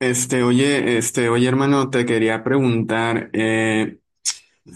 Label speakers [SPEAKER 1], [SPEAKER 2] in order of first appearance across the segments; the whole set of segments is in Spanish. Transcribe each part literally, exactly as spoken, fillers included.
[SPEAKER 1] Este, oye, este, oye, hermano, te quería preguntar. eh,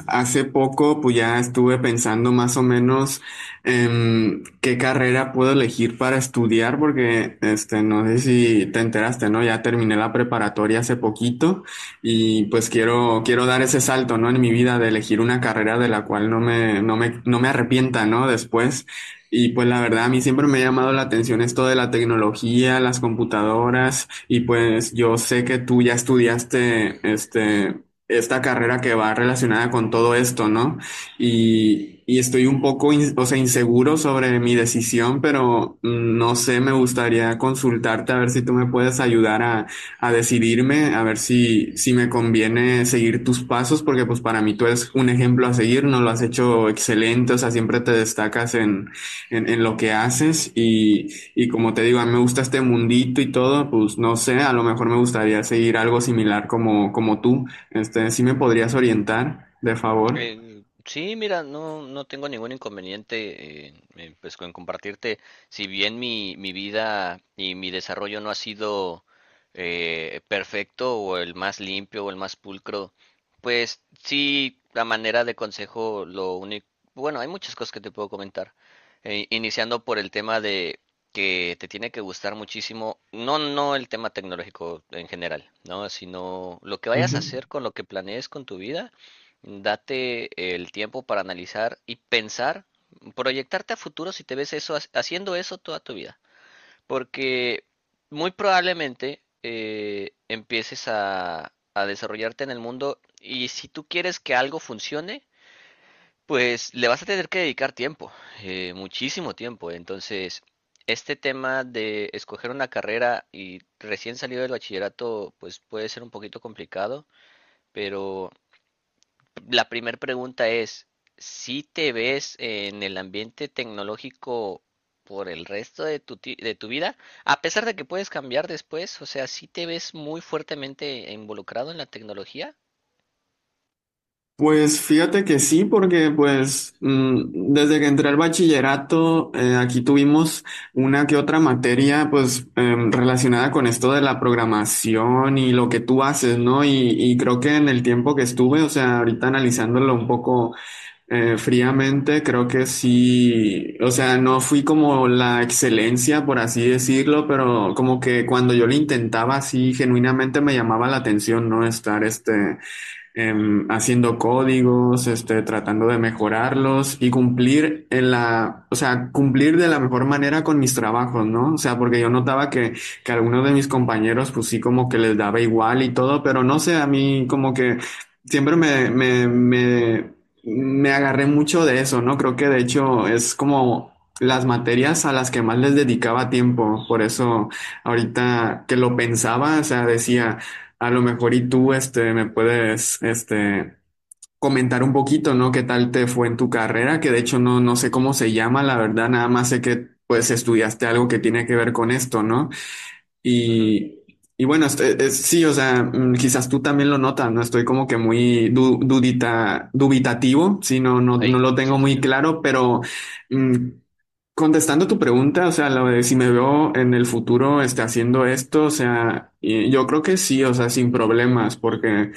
[SPEAKER 1] Hace poco, pues ya estuve pensando más o menos em, qué carrera puedo elegir para estudiar, porque este, no sé si te enteraste, ¿no? Ya terminé la preparatoria hace poquito y pues quiero, quiero dar ese salto, ¿no? En mi vida de elegir una carrera de la cual no me, no me, no me arrepienta, ¿no? Después. Y pues la verdad, a mí siempre me ha llamado la atención esto de la tecnología, las computadoras, y pues yo sé que tú ya estudiaste, este, esta carrera que va relacionada con todo esto, ¿no? Y, y estoy un poco, in- o sea, inseguro sobre mi decisión, pero mm, no sé, me gustaría consultarte a ver si tú me puedes ayudar a, a decidirme, a ver si, si me conviene seguir tus pasos, porque pues para mí tú eres un ejemplo a seguir, ¿no? Lo has hecho excelente, o sea, siempre te destacas en, en, en lo que haces y, y como te digo, a mí me gusta este mundito y todo, pues no sé, a lo mejor me gustaría seguir algo similar como, como tú. Este, ¿sí me podrías orientar, de favor?
[SPEAKER 2] Eh, sí, mira, no, no tengo ningún inconveniente en, en, pues, con compartirte. Si bien mi, mi vida y mi desarrollo no ha sido eh, perfecto o el más limpio o el más pulcro, pues sí, la manera de consejo, lo único, bueno, hay muchas cosas que te puedo comentar. Eh, iniciando por el tema de que te tiene que gustar muchísimo, no, no el tema tecnológico en general, ¿no? Sino lo que vayas a
[SPEAKER 1] Ujú.
[SPEAKER 2] hacer con lo que planees con tu vida. Date el tiempo para analizar y pensar, proyectarte a futuro si te ves eso, ha- haciendo eso toda tu vida. Porque muy probablemente eh, empieces a, a desarrollarte en el mundo y si tú quieres que algo funcione, pues le vas a tener que dedicar tiempo, eh, muchísimo tiempo. Entonces, este tema de escoger una carrera y recién salido del bachillerato, pues puede ser un poquito complicado, pero la primera pregunta es, ¿si te ves en el ambiente tecnológico por el resto de tu, ti- de tu vida? A pesar de que puedes cambiar después, o sea, ¿si te ves muy fuertemente involucrado en la tecnología?
[SPEAKER 1] Pues fíjate que sí, porque pues mm, desde que entré al bachillerato, eh, aquí tuvimos una que otra materia pues em, relacionada con esto de la programación y lo que tú haces, ¿no? Y, y creo que en el tiempo que estuve, o sea, ahorita analizándolo un poco, Eh, fríamente, creo que sí. O sea, no fui como la excelencia, por así decirlo, pero como que cuando yo lo intentaba así, genuinamente me llamaba la atención, no estar este, em, haciendo códigos, este, tratando de mejorarlos y cumplir en la, o sea, cumplir de la mejor manera con mis trabajos, ¿no? O sea, porque yo notaba que, que algunos de mis compañeros, pues sí, como que les daba igual y todo, pero no sé, a mí como que siempre me, me, me, me agarré mucho de eso, ¿no? Creo que de hecho es como las materias a las que más les dedicaba tiempo, por eso ahorita que lo pensaba, o sea, decía, a lo mejor y tú, este, me puedes, este, comentar un poquito, ¿no? ¿Qué tal te fue en tu carrera? Que de hecho no, no sé cómo se llama, la verdad, nada más sé que, pues, estudiaste algo que tiene que ver con esto, ¿no?
[SPEAKER 2] Ujú,
[SPEAKER 1] Y, y bueno, este, es- sí, o sea, mm, quizás tú también lo notas, ¿no? Estoy como que muy du- dudita, dubitativo, sí, no, no,
[SPEAKER 2] ahí,
[SPEAKER 1] no lo tengo
[SPEAKER 2] sí, sí,
[SPEAKER 1] muy
[SPEAKER 2] sí,
[SPEAKER 1] claro, pero mm, contestando tu pregunta, o sea, lo de si me veo en el futuro este, haciendo esto, o sea, y- yo creo que sí, o sea, sin problemas, porque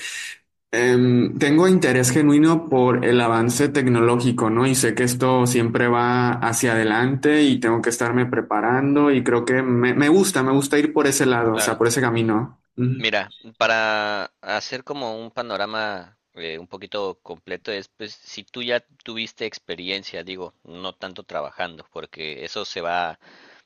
[SPEAKER 1] em, tengo interés genuino por el avance tecnológico, ¿no? Y sé que esto siempre va hacia adelante y tengo que estarme preparando y creo que me, me gusta, me gusta ir por ese lado, o sea,
[SPEAKER 2] claro.
[SPEAKER 1] por ese camino.
[SPEAKER 2] Mira, para hacer como un panorama eh, un poquito completo es, pues, si tú ya tuviste experiencia, digo, no tanto trabajando, porque eso se va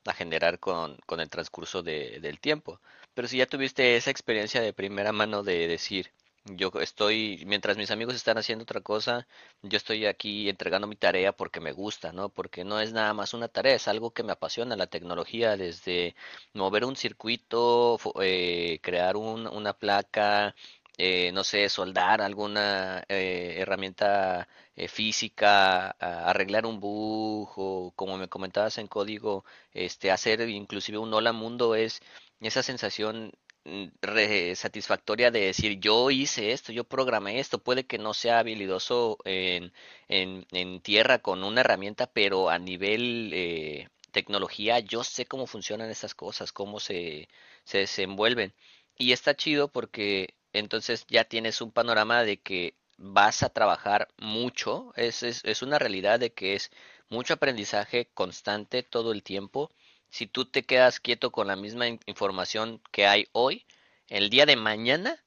[SPEAKER 2] a generar con, con el transcurso de- del tiempo, pero si ya tuviste esa experiencia de primera mano de decir, yo estoy, mientras mis amigos están haciendo otra cosa, yo estoy aquí entregando mi tarea porque me gusta, ¿no? Porque no es nada más una tarea, es algo que me apasiona, la tecnología desde mover un circuito, fo- eh, crear un- una placa, eh, no sé, soldar alguna eh, herramienta eh, física, a- arreglar un bug o como me comentabas en código, este, hacer inclusive un hola mundo es esa sensación mm, re- satisfactoria de decir yo hice esto, yo programé esto, puede que no sea habilidoso en, en, en tierra con una herramienta, pero a nivel eh, tecnología, yo sé cómo funcionan estas cosas, cómo se, se desenvuelven. Y está chido porque entonces ya tienes un panorama de que vas a trabajar mucho, es, es, es una realidad de que es mucho aprendizaje constante todo el tiempo. Si tú te quedas quieto con la misma in- información que hay hoy, el día de mañana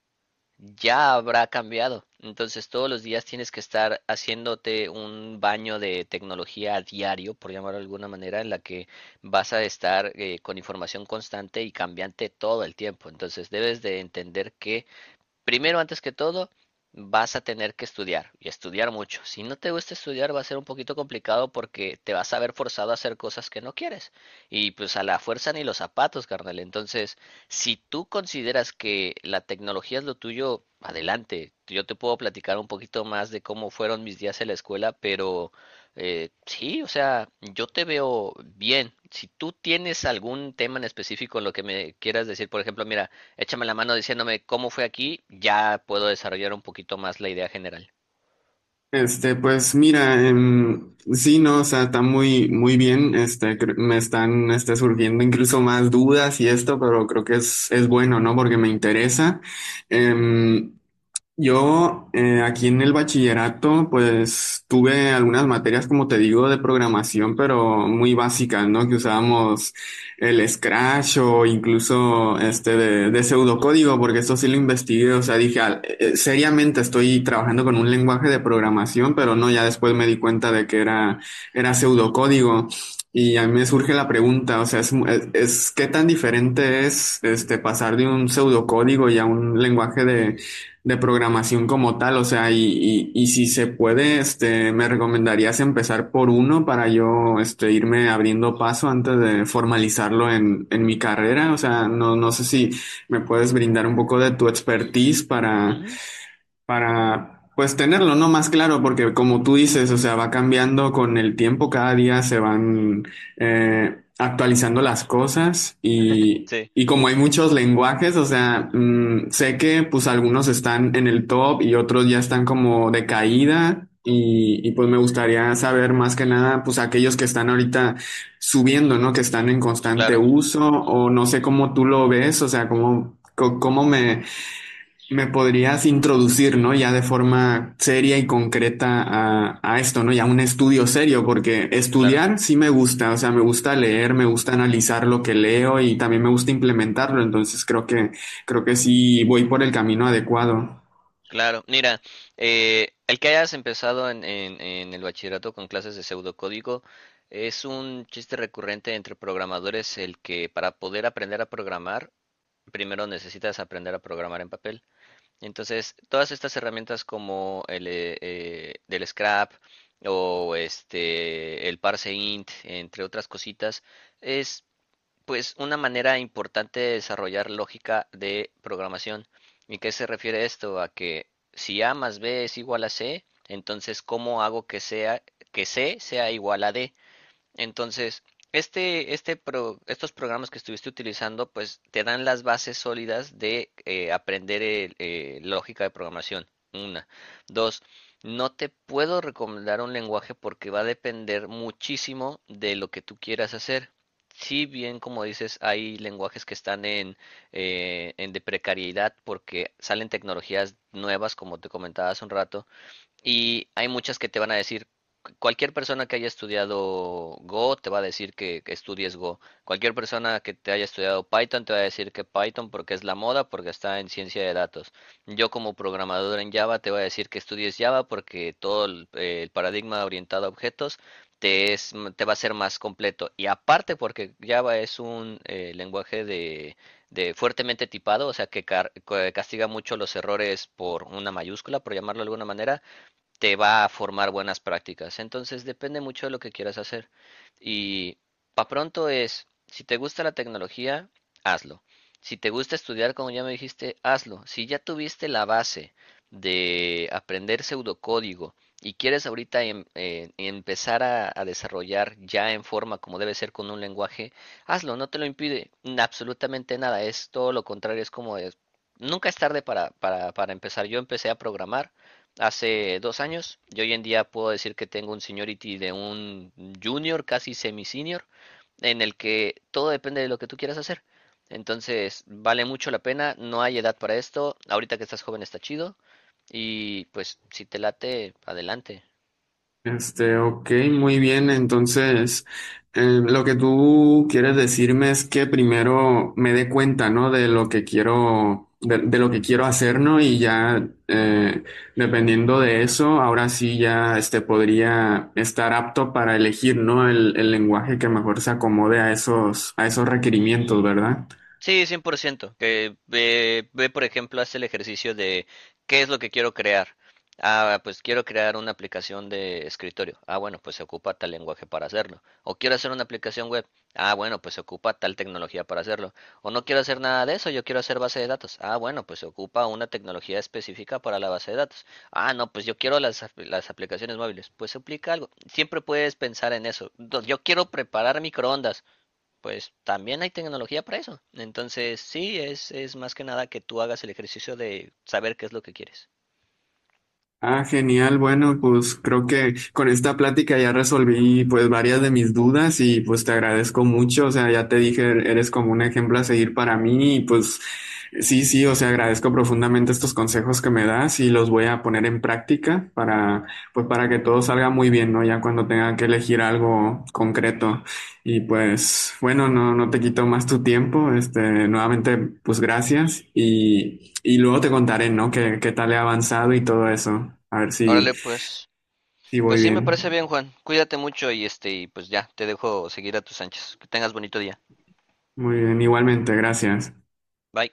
[SPEAKER 2] ya habrá cambiado. Entonces todos los días tienes que estar haciéndote un baño de tecnología a diario, por llamarlo de alguna manera, en la que vas a estar eh, con información constante y cambiante todo el tiempo. Entonces debes de entender que primero, antes que todo, vas a tener que estudiar y estudiar mucho. Si no te gusta estudiar, va a ser un poquito complicado porque te vas a ver forzado a hacer cosas que no quieres. Y pues a la fuerza ni los zapatos, carnal. Entonces, si tú consideras que la tecnología es lo tuyo, adelante. Yo te puedo platicar un poquito más de cómo fueron mis días en la escuela, pero eh, sí, o sea, yo te veo bien. Si tú tienes algún tema en específico en lo que me quieras decir, por ejemplo, mira, échame la mano diciéndome cómo fue aquí, ya puedo desarrollar un poquito más la idea general.
[SPEAKER 1] Este, pues mira, em, sí, no, o sea, está muy, muy bien. Este, cre- me están, este, surgiendo incluso más dudas y esto, pero creo que es, es bueno, ¿no? Porque me interesa. Em, yo, eh, aquí en el bachillerato, pues tuve algunas materias, como te digo, de programación, pero muy básicas, ¿no? Que usábamos el Scratch o incluso este de, de pseudocódigo, porque esto sí lo investigué. O sea, dije: "Ah, eh, eh, seriamente estoy trabajando con un lenguaje de programación", pero no, ya después me di cuenta de que era, era pseudocódigo. Y a mí me surge la pregunta, o sea, es, mu- es, es- ¿qué tan diferente es este pasar de un pseudocódigo y a un lenguaje de, de programación como tal? O sea, y, y, y si se puede, este, me recomendarías empezar por uno para yo, este, irme abriendo paso antes de formalizarlo en, en mi carrera. O sea, no, no sé si me puedes brindar un poco de tu expertise para,
[SPEAKER 2] Ujú,
[SPEAKER 1] para pues tenerlo, ¿no? Más claro, porque como tú dices, o sea, va cambiando con el tiempo, cada día se van eh, actualizando las cosas y,
[SPEAKER 2] sí,
[SPEAKER 1] y como hay muchos lenguajes. O sea, mm, sé que pues algunos están en el top y otros ya están como de caída. Y, y pues me gustaría saber, más que nada, pues aquellos que están ahorita subiendo, ¿no? Que están en constante
[SPEAKER 2] claro,
[SPEAKER 1] uso, o no sé cómo tú lo ves, o sea, cómo, co- cómo me, me podrías introducir, ¿no? Ya de forma seria y concreta a, a esto, ¿no? Ya un estudio serio, porque
[SPEAKER 2] claro.
[SPEAKER 1] estudiar sí me gusta, o sea, me gusta
[SPEAKER 2] Ujú,
[SPEAKER 1] leer, me gusta analizar lo que leo y también me gusta implementarlo, entonces creo que, creo que sí voy por el camino adecuado.
[SPEAKER 2] claro, mira, eh, el que hayas empezado en, en- en el bachillerato con clases de pseudocódigo es un chiste recurrente entre programadores el que para poder aprender a programar, primero necesitas aprender a programar en papel. Entonces, todas estas herramientas como el eh, eh, del scrap o este el parse int, entre otras cositas, es pues una manera importante de desarrollar lógica de programación. ¿Y qué se refiere esto? A que si A más B es igual a C, entonces ¿cómo hago que sea que C sea igual a D? Entonces, este, este pro- estos programas que estuviste utilizando, pues te dan las bases sólidas de eh, aprender el, eh, lógica de programación. Una. Dos, no te puedo recomendar un lenguaje porque va a depender muchísimo de lo que tú quieras hacer. Si bien, como dices, hay lenguajes que están en, eh, en de precariedad porque salen tecnologías nuevas, como te comentaba hace un rato, y hay muchas que te van a decir, cualquier persona que haya estudiado Go te va a decir que, que estudies Go. Cualquier persona que te haya estudiado Python te va a decir que Python porque es la moda, porque está en ciencia de datos. Yo como programador en Java te voy a decir que estudies Java porque todo el, eh, el paradigma orientado a objetos te es, te va a ser más completo. Y aparte porque Java es un eh, lenguaje de, de fuertemente tipado, o sea que car- que castiga mucho los errores por una mayúscula, por llamarlo de alguna manera, te va a formar buenas prácticas. Entonces depende mucho de lo que quieras hacer. Y pa' pronto es, si te gusta la tecnología, hazlo. Si te gusta estudiar, como ya me dijiste, hazlo. Si ya tuviste la base de aprender pseudocódigo y quieres ahorita em- eh, empezar a, a desarrollar ya en forma como debe ser con un lenguaje, hazlo, no te lo impide n- absolutamente nada. Es todo lo contrario, es como es, nunca es tarde para, para, para empezar. Yo empecé a programar hace dos años y hoy en día puedo decir que tengo un seniority de un junior, casi semi-senior, en el que todo depende de lo que tú quieras hacer. Entonces, vale mucho la pena, no hay edad para esto, ahorita que estás joven está chido y pues si te late, adelante.
[SPEAKER 1] Este, ok, muy bien. Entonces, eh, lo que tú quieres decirme es que primero me dé cuenta, ¿no? De lo que quiero, de, de lo que quiero hacer, ¿no? Y ya, eh, dependiendo de eso, ahora sí ya, este, podría estar apto para elegir, ¿no?, El, el lenguaje que mejor se acomode a esos, a esos requerimientos, ¿verdad?
[SPEAKER 2] Sí, cien por ciento. Que ve, ve, por ejemplo, hace el ejercicio de qué es lo que quiero crear. Ah, pues quiero crear una aplicación de escritorio. Ah, bueno, pues se ocupa tal lenguaje para hacerlo. O quiero hacer una aplicación web. Ah, bueno, pues se ocupa tal tecnología para hacerlo. O no quiero hacer nada de eso, yo quiero hacer base de datos. Ah, bueno, pues se ocupa una tecnología específica para la base de datos. Ah, no, pues yo quiero las, ap- las aplicaciones móviles. Pues se aplica algo. Siempre puedes pensar en eso. Do- Yo quiero preparar microondas, pues también hay tecnología para eso. Entonces, sí, es, es más que nada que tú hagas el ejercicio de saber qué es lo que quieres.
[SPEAKER 1] Ah, genial. Bueno, pues creo que con esta plática ya resolví pues varias de mis dudas y pues te agradezco mucho. O sea, ya te dije, eres como un ejemplo a seguir para mí y pues sí, sí, o sea, agradezco profundamente estos consejos que me das y los voy a poner en práctica para, pues para que todo salga muy bien, ¿no? Ya cuando tenga que elegir algo concreto. Y pues bueno, no, no te quito más tu tiempo. Este, nuevamente, pues gracias. Y, y luego te contaré, ¿no? Qué, qué tal he avanzado y todo eso. A ver si,
[SPEAKER 2] Órale, pues,
[SPEAKER 1] si
[SPEAKER 2] pues
[SPEAKER 1] voy
[SPEAKER 2] sí, me parece bien,
[SPEAKER 1] bien.
[SPEAKER 2] Juan. Cuídate mucho y este, y pues ya, te dejo seguir a tus anchas. Que tengas bonito día.
[SPEAKER 1] Muy bien, igualmente, gracias.
[SPEAKER 2] Bye.